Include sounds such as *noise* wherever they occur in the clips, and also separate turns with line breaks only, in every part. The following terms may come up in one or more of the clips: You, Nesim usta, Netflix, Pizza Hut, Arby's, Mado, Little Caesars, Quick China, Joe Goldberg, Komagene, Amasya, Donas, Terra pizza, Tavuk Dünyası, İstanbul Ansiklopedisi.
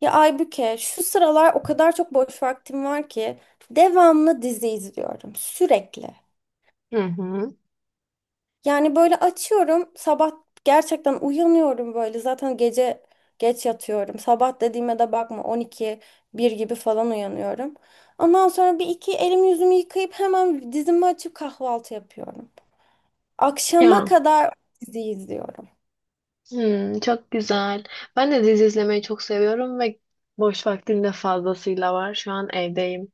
Ya Aybüke, şu sıralar o kadar çok boş vaktim var ki devamlı dizi izliyorum sürekli.
Hı hı.
Yani böyle açıyorum sabah gerçekten uyanıyorum böyle zaten gece geç yatıyorum. Sabah dediğime de bakma 12 bir gibi falan uyanıyorum. Ondan sonra bir iki elimi yüzümü yıkayıp hemen dizimi açıp kahvaltı yapıyorum. Akşama
Ya,
kadar dizi izliyorum.
çok güzel. Ben de dizi izlemeyi çok seviyorum ve boş vaktim de fazlasıyla var. Şu an evdeyim.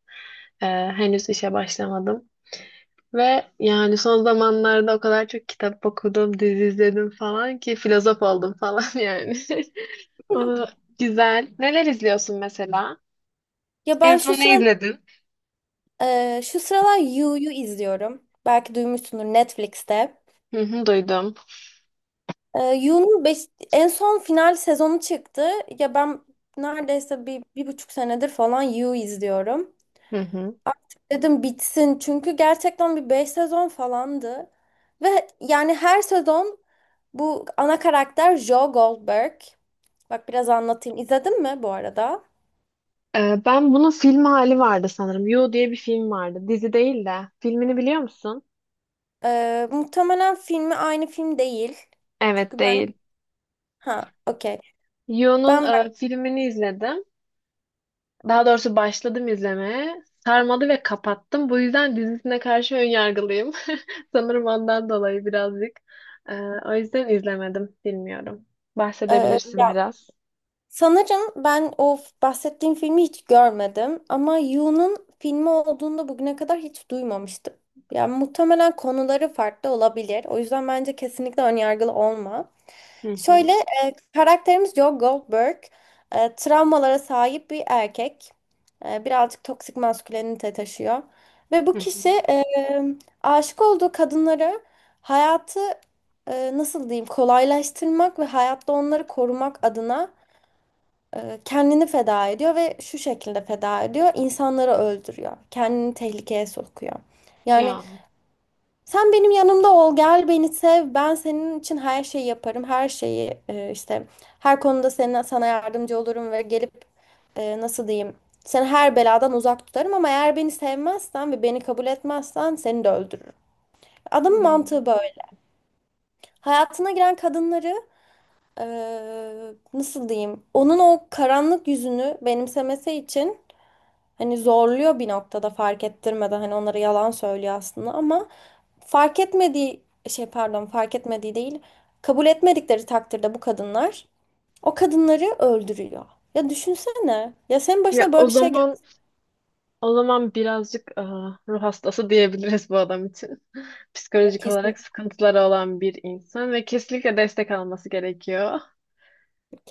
Ee, Henüz işe başlamadım. Ve yani son zamanlarda o kadar çok kitap okudum, dizi izledim falan ki filozof oldum falan *laughs* yani. *laughs* Aa,
*laughs*
güzel. Neler izliyorsun mesela?
Ya
En
ben şu
son ne
sıra
izledin?
e, Şu sıralar You'yu izliyorum. Belki duymuşsundur Netflix'te.
Hı hı, duydum.
You'nun en son final sezonu çıktı. Ya ben neredeyse bir, bir buçuk senedir falan You izliyorum.
Hı hı.
Artık dedim bitsin çünkü gerçekten bir beş sezon falandı. Ve yani her sezon bu ana karakter Joe Goldberg. Bak biraz anlatayım. İzledin mi bu arada?
Ben bunun film hali vardı sanırım. You diye bir film vardı. Dizi değil de. Filmini biliyor musun?
Muhtemelen filmi aynı film değil.
Evet
Çünkü ben...
değil.
Ha, okey.
Yo'nun
Ben
filmini izledim. Daha doğrusu başladım izlemeye. Sarmadı ve kapattım. Bu yüzden dizisine karşı önyargılıyım. *laughs* Sanırım ondan dolayı birazcık. E, O yüzden izlemedim. Bilmiyorum.
Ee,
Bahsedebilirsin biraz.
Sanırım ben o f- bahsettiğim filmi hiç görmedim ama Yu'nun filmi olduğunda bugüne kadar hiç duymamıştım. Yani muhtemelen konuları farklı olabilir. O yüzden bence kesinlikle önyargılı olma.
Hı
Şöyle
hı,
e, karakterimiz Joe Goldberg travmalara sahip bir erkek. Birazcık toksik maskülenite taşıyor. Ve
hı
bu kişi
hı.
aşık olduğu kadınları hayatı nasıl diyeyim kolaylaştırmak ve hayatta onları korumak adına kendini feda ediyor ve şu şekilde feda ediyor. İnsanları öldürüyor. Kendini tehlikeye sokuyor. Yani
Ya.
sen benim yanımda ol, gel beni sev. Ben senin için her şeyi yaparım. Her şeyi işte her konuda senin, sana yardımcı olurum ve gelip nasıl diyeyim? Seni her beladan uzak tutarım ama eğer beni sevmezsen ve beni kabul etmezsen seni de öldürürüm.
Hı.
Adamın mantığı böyle. Hayatına giren kadınları e, nasıl diyeyim? Onun o karanlık yüzünü benimsemesi için hani zorluyor, bir noktada fark ettirmeden hani onlara yalan söylüyor aslında ama fark etmediği şey, pardon, fark etmediği değil, kabul etmedikleri takdirde bu kadınlar o kadınları öldürüyor. Ya düşünsene ya, senin
Ya
başına
o
böyle bir şey geldi.
zaman o zaman birazcık ruh hastası diyebiliriz bu adam için. Psikolojik
kesin
olarak sıkıntıları olan bir insan ve kesinlikle destek alması gerekiyor.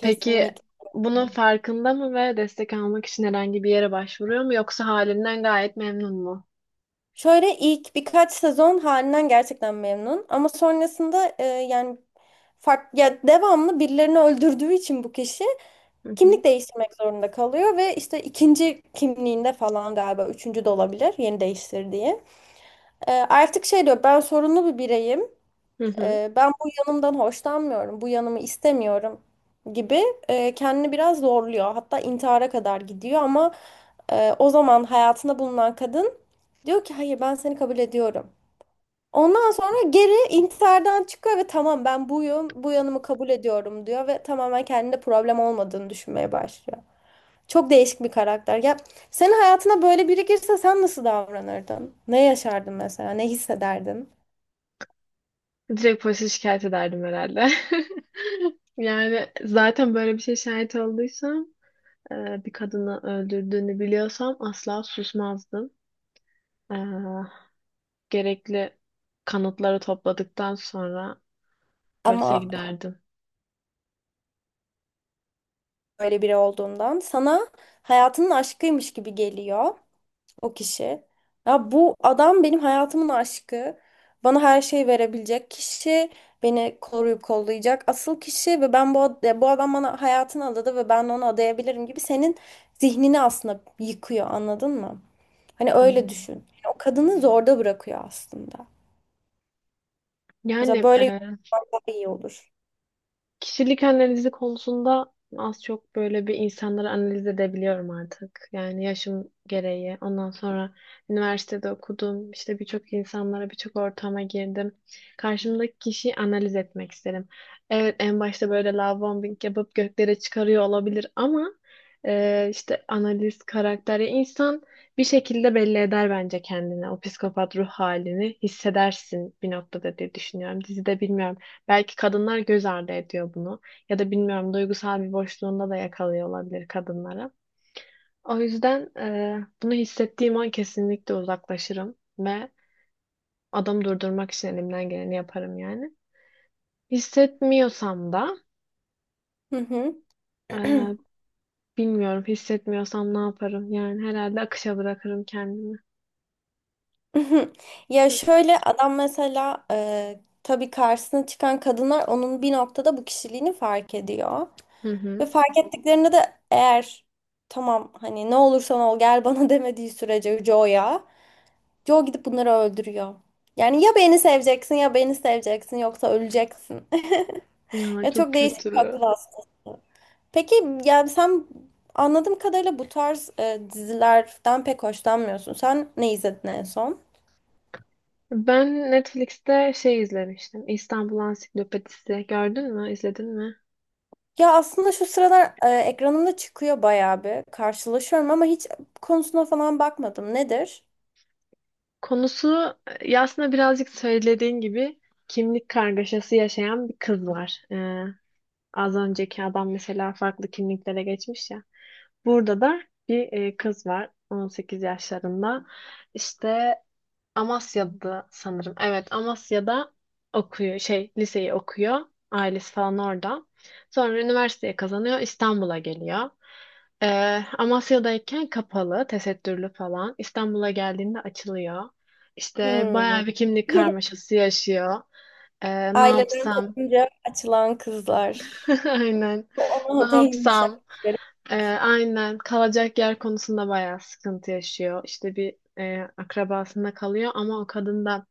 Peki bunun farkında mı ve destek almak için herhangi bir yere başvuruyor mu yoksa halinden gayet memnun mu?
Şöyle ilk birkaç sezon halinden gerçekten memnun ama sonrasında yani fark, ya devamlı birilerini öldürdüğü için bu kişi
Hı hı.
kimlik değiştirmek zorunda kalıyor ve işte ikinci kimliğinde falan, galiba üçüncü de olabilir yeni değiştirdiği. Artık şey diyor, ben sorunlu bir bireyim.
Hı hı.
Ben bu yanımdan hoşlanmıyorum. Bu yanımı istemiyorum gibi kendini biraz zorluyor. Hatta intihara kadar gidiyor ama o zaman hayatında bulunan kadın diyor ki hayır, ben seni kabul ediyorum. Ondan sonra geri intihardan çıkıyor ve tamam ben buyum, bu yanımı kabul ediyorum diyor ve tamamen kendinde problem olmadığını düşünmeye başlıyor. Çok değişik bir karakter. Ya senin hayatına böyle biri girse sen nasıl davranırdın? Ne yaşardın mesela? Ne hissederdin?
Direkt polise şikayet ederdim herhalde. *laughs* Yani zaten böyle bir şey şahit olduysam, bir kadını öldürdüğünü biliyorsam asla susmazdım. E, Gerekli kanıtları topladıktan sonra polise
Ama
giderdim.
böyle biri olduğundan sana hayatının aşkıymış gibi geliyor o kişi. Ya bu adam benim hayatımın aşkı. Bana her şeyi verebilecek kişi, beni koruyup kollayacak asıl kişi ve ben bu adam bana hayatını adadı ve ben de onu adayabilirim gibi senin zihnini aslında yıkıyor, anladın mı? Hani
Hı hı.
öyle düşün. Yani o kadını zorda bırakıyor aslında. Mesela
Yani,
böyle yorumlar daha iyi olur.
kişilik analizi konusunda az çok böyle bir insanları analiz edebiliyorum artık. Yani yaşım gereği. Ondan sonra üniversitede okudum. İşte birçok insanlara, birçok ortama girdim. Karşımdaki kişiyi analiz etmek isterim. Evet, en başta böyle love bombing yapıp göklere çıkarıyor olabilir ama işte analiz, karakter. Ya insan bir şekilde belli eder bence kendini. O psikopat ruh halini hissedersin bir noktada diye düşünüyorum. Dizide bilmiyorum. Belki kadınlar göz ardı ediyor bunu. Ya da bilmiyorum, duygusal bir boşluğunda da yakalıyor olabilir kadınları. O yüzden bunu hissettiğim an kesinlikle uzaklaşırım ve adamı durdurmak için elimden geleni yaparım yani. Hissetmiyorsam da
Hı hı. *clears throat*
e, bilmiyorum, hissetmiyorsam ne yaparım? Yani herhalde akışa bırakırım kendimi.
Ya
Hı
şöyle adam mesela, tabii karşısına çıkan kadınlar onun bir noktada bu kişiliğini fark ediyor.
hı. Hı.
Ve fark ettiklerinde de eğer tamam hani ne olursan ol gel bana *laughs* demediği sürece Joe gidip bunları öldürüyor. Yani ya beni seveceksin ya beni seveceksin yoksa öleceksin. *laughs*
Ya,
Ya
çok
çok değişik bir
kötü.
akıl hastası. Peki yani sen, anladığım kadarıyla bu tarz dizilerden pek hoşlanmıyorsun. Sen ne izledin en son?
Ben Netflix'te şey izlemiştim. İstanbul Ansiklopedisi. Gördün mü? İzledin mi?
Ya aslında şu sıralar ekranımda çıkıyor bayağı bir. Karşılaşıyorum ama hiç konusuna falan bakmadım. Nedir?
Konusu, aslında birazcık söylediğin gibi kimlik kargaşası yaşayan bir kız var. Az önceki adam mesela farklı kimliklere geçmiş ya. Burada da bir kız var, 18 yaşlarında. İşte Amasya'da sanırım. Evet, Amasya'da okuyor, şey liseyi okuyor. Ailesi falan orada. Sonra üniversiteye kazanıyor, İstanbul'a geliyor. Ee, Amasya'dayken kapalı, tesettürlü falan. İstanbul'a geldiğinde açılıyor. İşte
Hmm.
bayağı bir kimlik
*laughs*
karmaşası yaşıyor. Ne
Aileden
yapsam?
kopunca açılan kızlar.
*laughs* Aynen. Ne
O değilmiş
yapsam?
hakikaten.
Ee, aynen. Kalacak yer konusunda bayağı sıkıntı yaşıyor. İşte bir akrabasında kalıyor ama o kadın da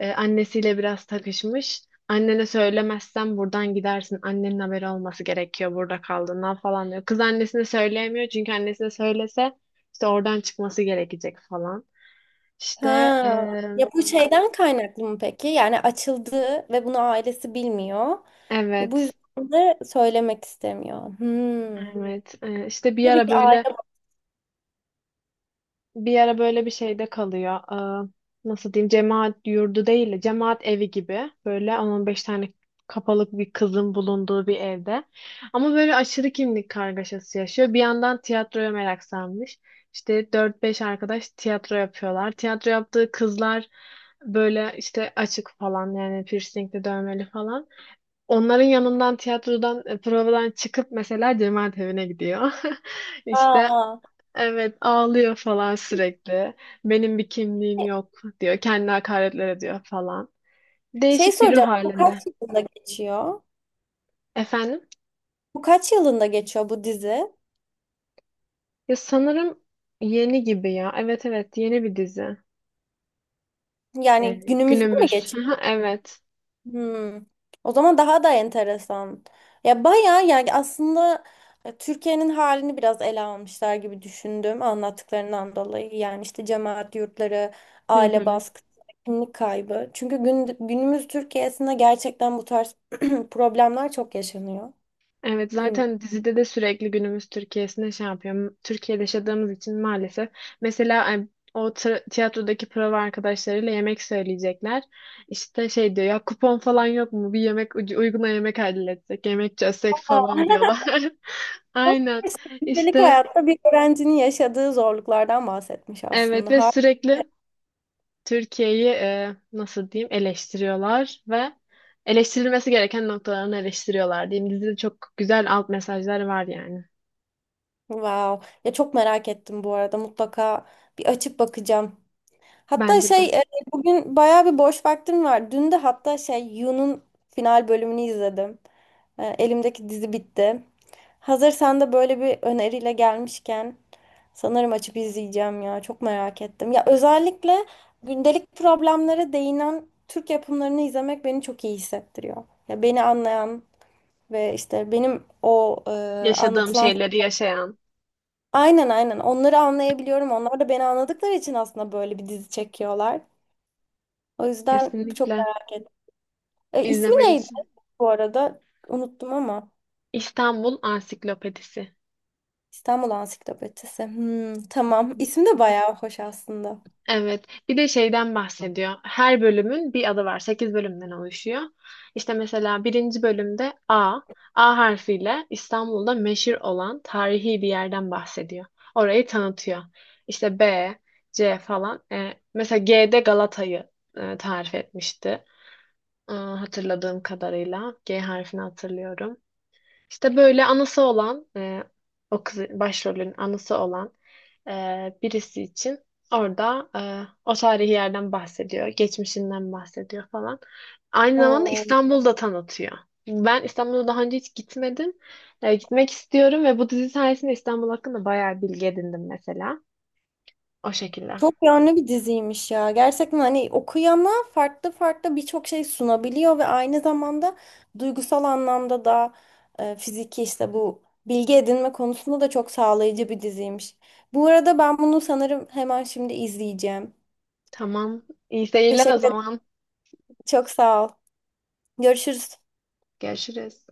annesiyle biraz takışmış. Annene söylemezsen buradan gidersin. Annenin haberi olması gerekiyor, burada kaldığından falan diyor. Kız annesine söyleyemiyor çünkü annesine söylese işte oradan çıkması gerekecek falan. İşte, e,
Ha. Ya bu şeyden kaynaklı mı peki? Yani açıldı ve bunu ailesi bilmiyor. Ve bu
evet,
yüzden de söylemek istemiyor. Hmm.
evet, işte bir
Tabii
ara
ki
böyle
aile.
bir ara böyle bir şeyde kalıyor. Ee, Nasıl diyeyim? Cemaat yurdu değil de cemaat evi gibi. Böyle 10-15 tane kapalık bir kızın bulunduğu bir evde. Ama böyle aşırı kimlik kargaşası yaşıyor. Bir yandan tiyatroya merak sarmış. İşte dört beş arkadaş tiyatro yapıyorlar. Tiyatro yaptığı kızlar böyle işte açık falan, yani piercingli, dövmeli falan. Onların yanından, tiyatrodan provadan çıkıp mesela cemaat evine gidiyor. *laughs* İşte,
Aa.
evet, ağlıyor falan sürekli. Benim bir kimliğim yok diyor. Kendi hakaretler ediyor falan.
Şey
Değişik bir ruh
soracağım. Bu kaç
halinde.
yılında geçiyor?
Efendim?
Bu kaç yılında geçiyor bu dizi?
Ya sanırım yeni gibi ya. Evet, evet, yeni bir dizi.
Yani
Yani
günümüzde mi
günümüz. *laughs*
geçiyor?
Hı, evet.
Hmm. O zaman daha da enteresan. Ya bayağı yani aslında, Türkiye'nin halini biraz ele almışlar gibi düşündüm anlattıklarından dolayı. Yani işte cemaat yurtları,
*laughs* Hı
aile
hı.
baskısı, kimlik kaybı. Çünkü gün, günümüz Türkiye'sinde gerçekten bu tarz *clears throat* problemler çok yaşanıyor.
Evet,
Gün...
zaten dizide de sürekli günümüz Türkiye'sine şey yapıyor. Türkiye'de yaşadığımız için maalesef. Mesela o tiyatrodaki prova arkadaşlarıyla yemek söyleyecekler. İşte şey diyor ya, kupon falan yok mu? Bir yemek uyguna yemek halletsek, yemek çözsek falan
Aa,
diyorlar. *laughs* Aynen.
*laughs* gündelik
İşte,
hayatta bir öğrencinin yaşadığı zorluklardan bahsetmiş
evet,
aslında.
ve
Harika.
sürekli Türkiye'yi nasıl diyeyim eleştiriyorlar ve eleştirilmesi gereken noktalarını eleştiriyorlar diyeyim. Dizide çok güzel alt mesajlar var yani.
Wow. Ya çok merak ettim bu arada. Mutlaka bir açıp bakacağım. Hatta
Bence
şey
de.
bugün bayağı bir boş vaktim var. Dün de hatta şey Yu'nun final bölümünü izledim. Elimdeki dizi bitti. Hazır sen de böyle bir öneriyle gelmişken sanırım açıp izleyeceğim ya. Çok merak ettim. Ya özellikle gündelik problemlere değinen Türk yapımlarını izlemek beni çok iyi hissettiriyor. Ya beni anlayan ve işte benim o
Yaşadığım
anlatılan
şeyleri yaşayan.
aynen aynen. Onları anlayabiliyorum. Onlar da beni anladıkları için aslında böyle bir dizi çekiyorlar. O yüzden çok
Kesinlikle
merak ettim. İsmi neydi
izlemelisin.
bu arada? Unuttum ama.
İstanbul Ansiklopedisi.
İstanbul Ansiklopedisi. Hmm,
Hı
tamam.
hı.
İsmi de bayağı hoş aslında.
Evet. Bir de şeyden bahsediyor. Her bölümün bir adı var. 8 bölümden oluşuyor. İşte mesela birinci bölümde A, A harfiyle İstanbul'da meşhur olan tarihi bir yerden bahsediyor. Orayı tanıtıyor. İşte B, C falan. Mesela G'de Galata'yı tarif etmişti. Hatırladığım kadarıyla. G harfini hatırlıyorum. İşte böyle anası olan o kız başrolün anası olan e, birisi için orada o tarihi yerden bahsediyor. Geçmişinden bahsediyor falan. Aynı zamanda
Oo.
İstanbul'da tanıtıyor. Ben İstanbul'a daha önce hiç gitmedim. Gitmek istiyorum ve bu dizi sayesinde İstanbul hakkında bayağı bilgi edindim mesela. O şekilde.
Çok yönlü bir diziymiş ya. Gerçekten hani okuyana farklı farklı birçok şey sunabiliyor ve aynı zamanda duygusal anlamda da, fiziki işte bu bilgi edinme konusunda da çok sağlayıcı bir diziymiş. Bu arada ben bunu sanırım hemen şimdi izleyeceğim.
Tamam. İyi seyirler o
Teşekkür ederim.
zaman.
Çok sağ ol. Görüşürüz.
Görüşürüz.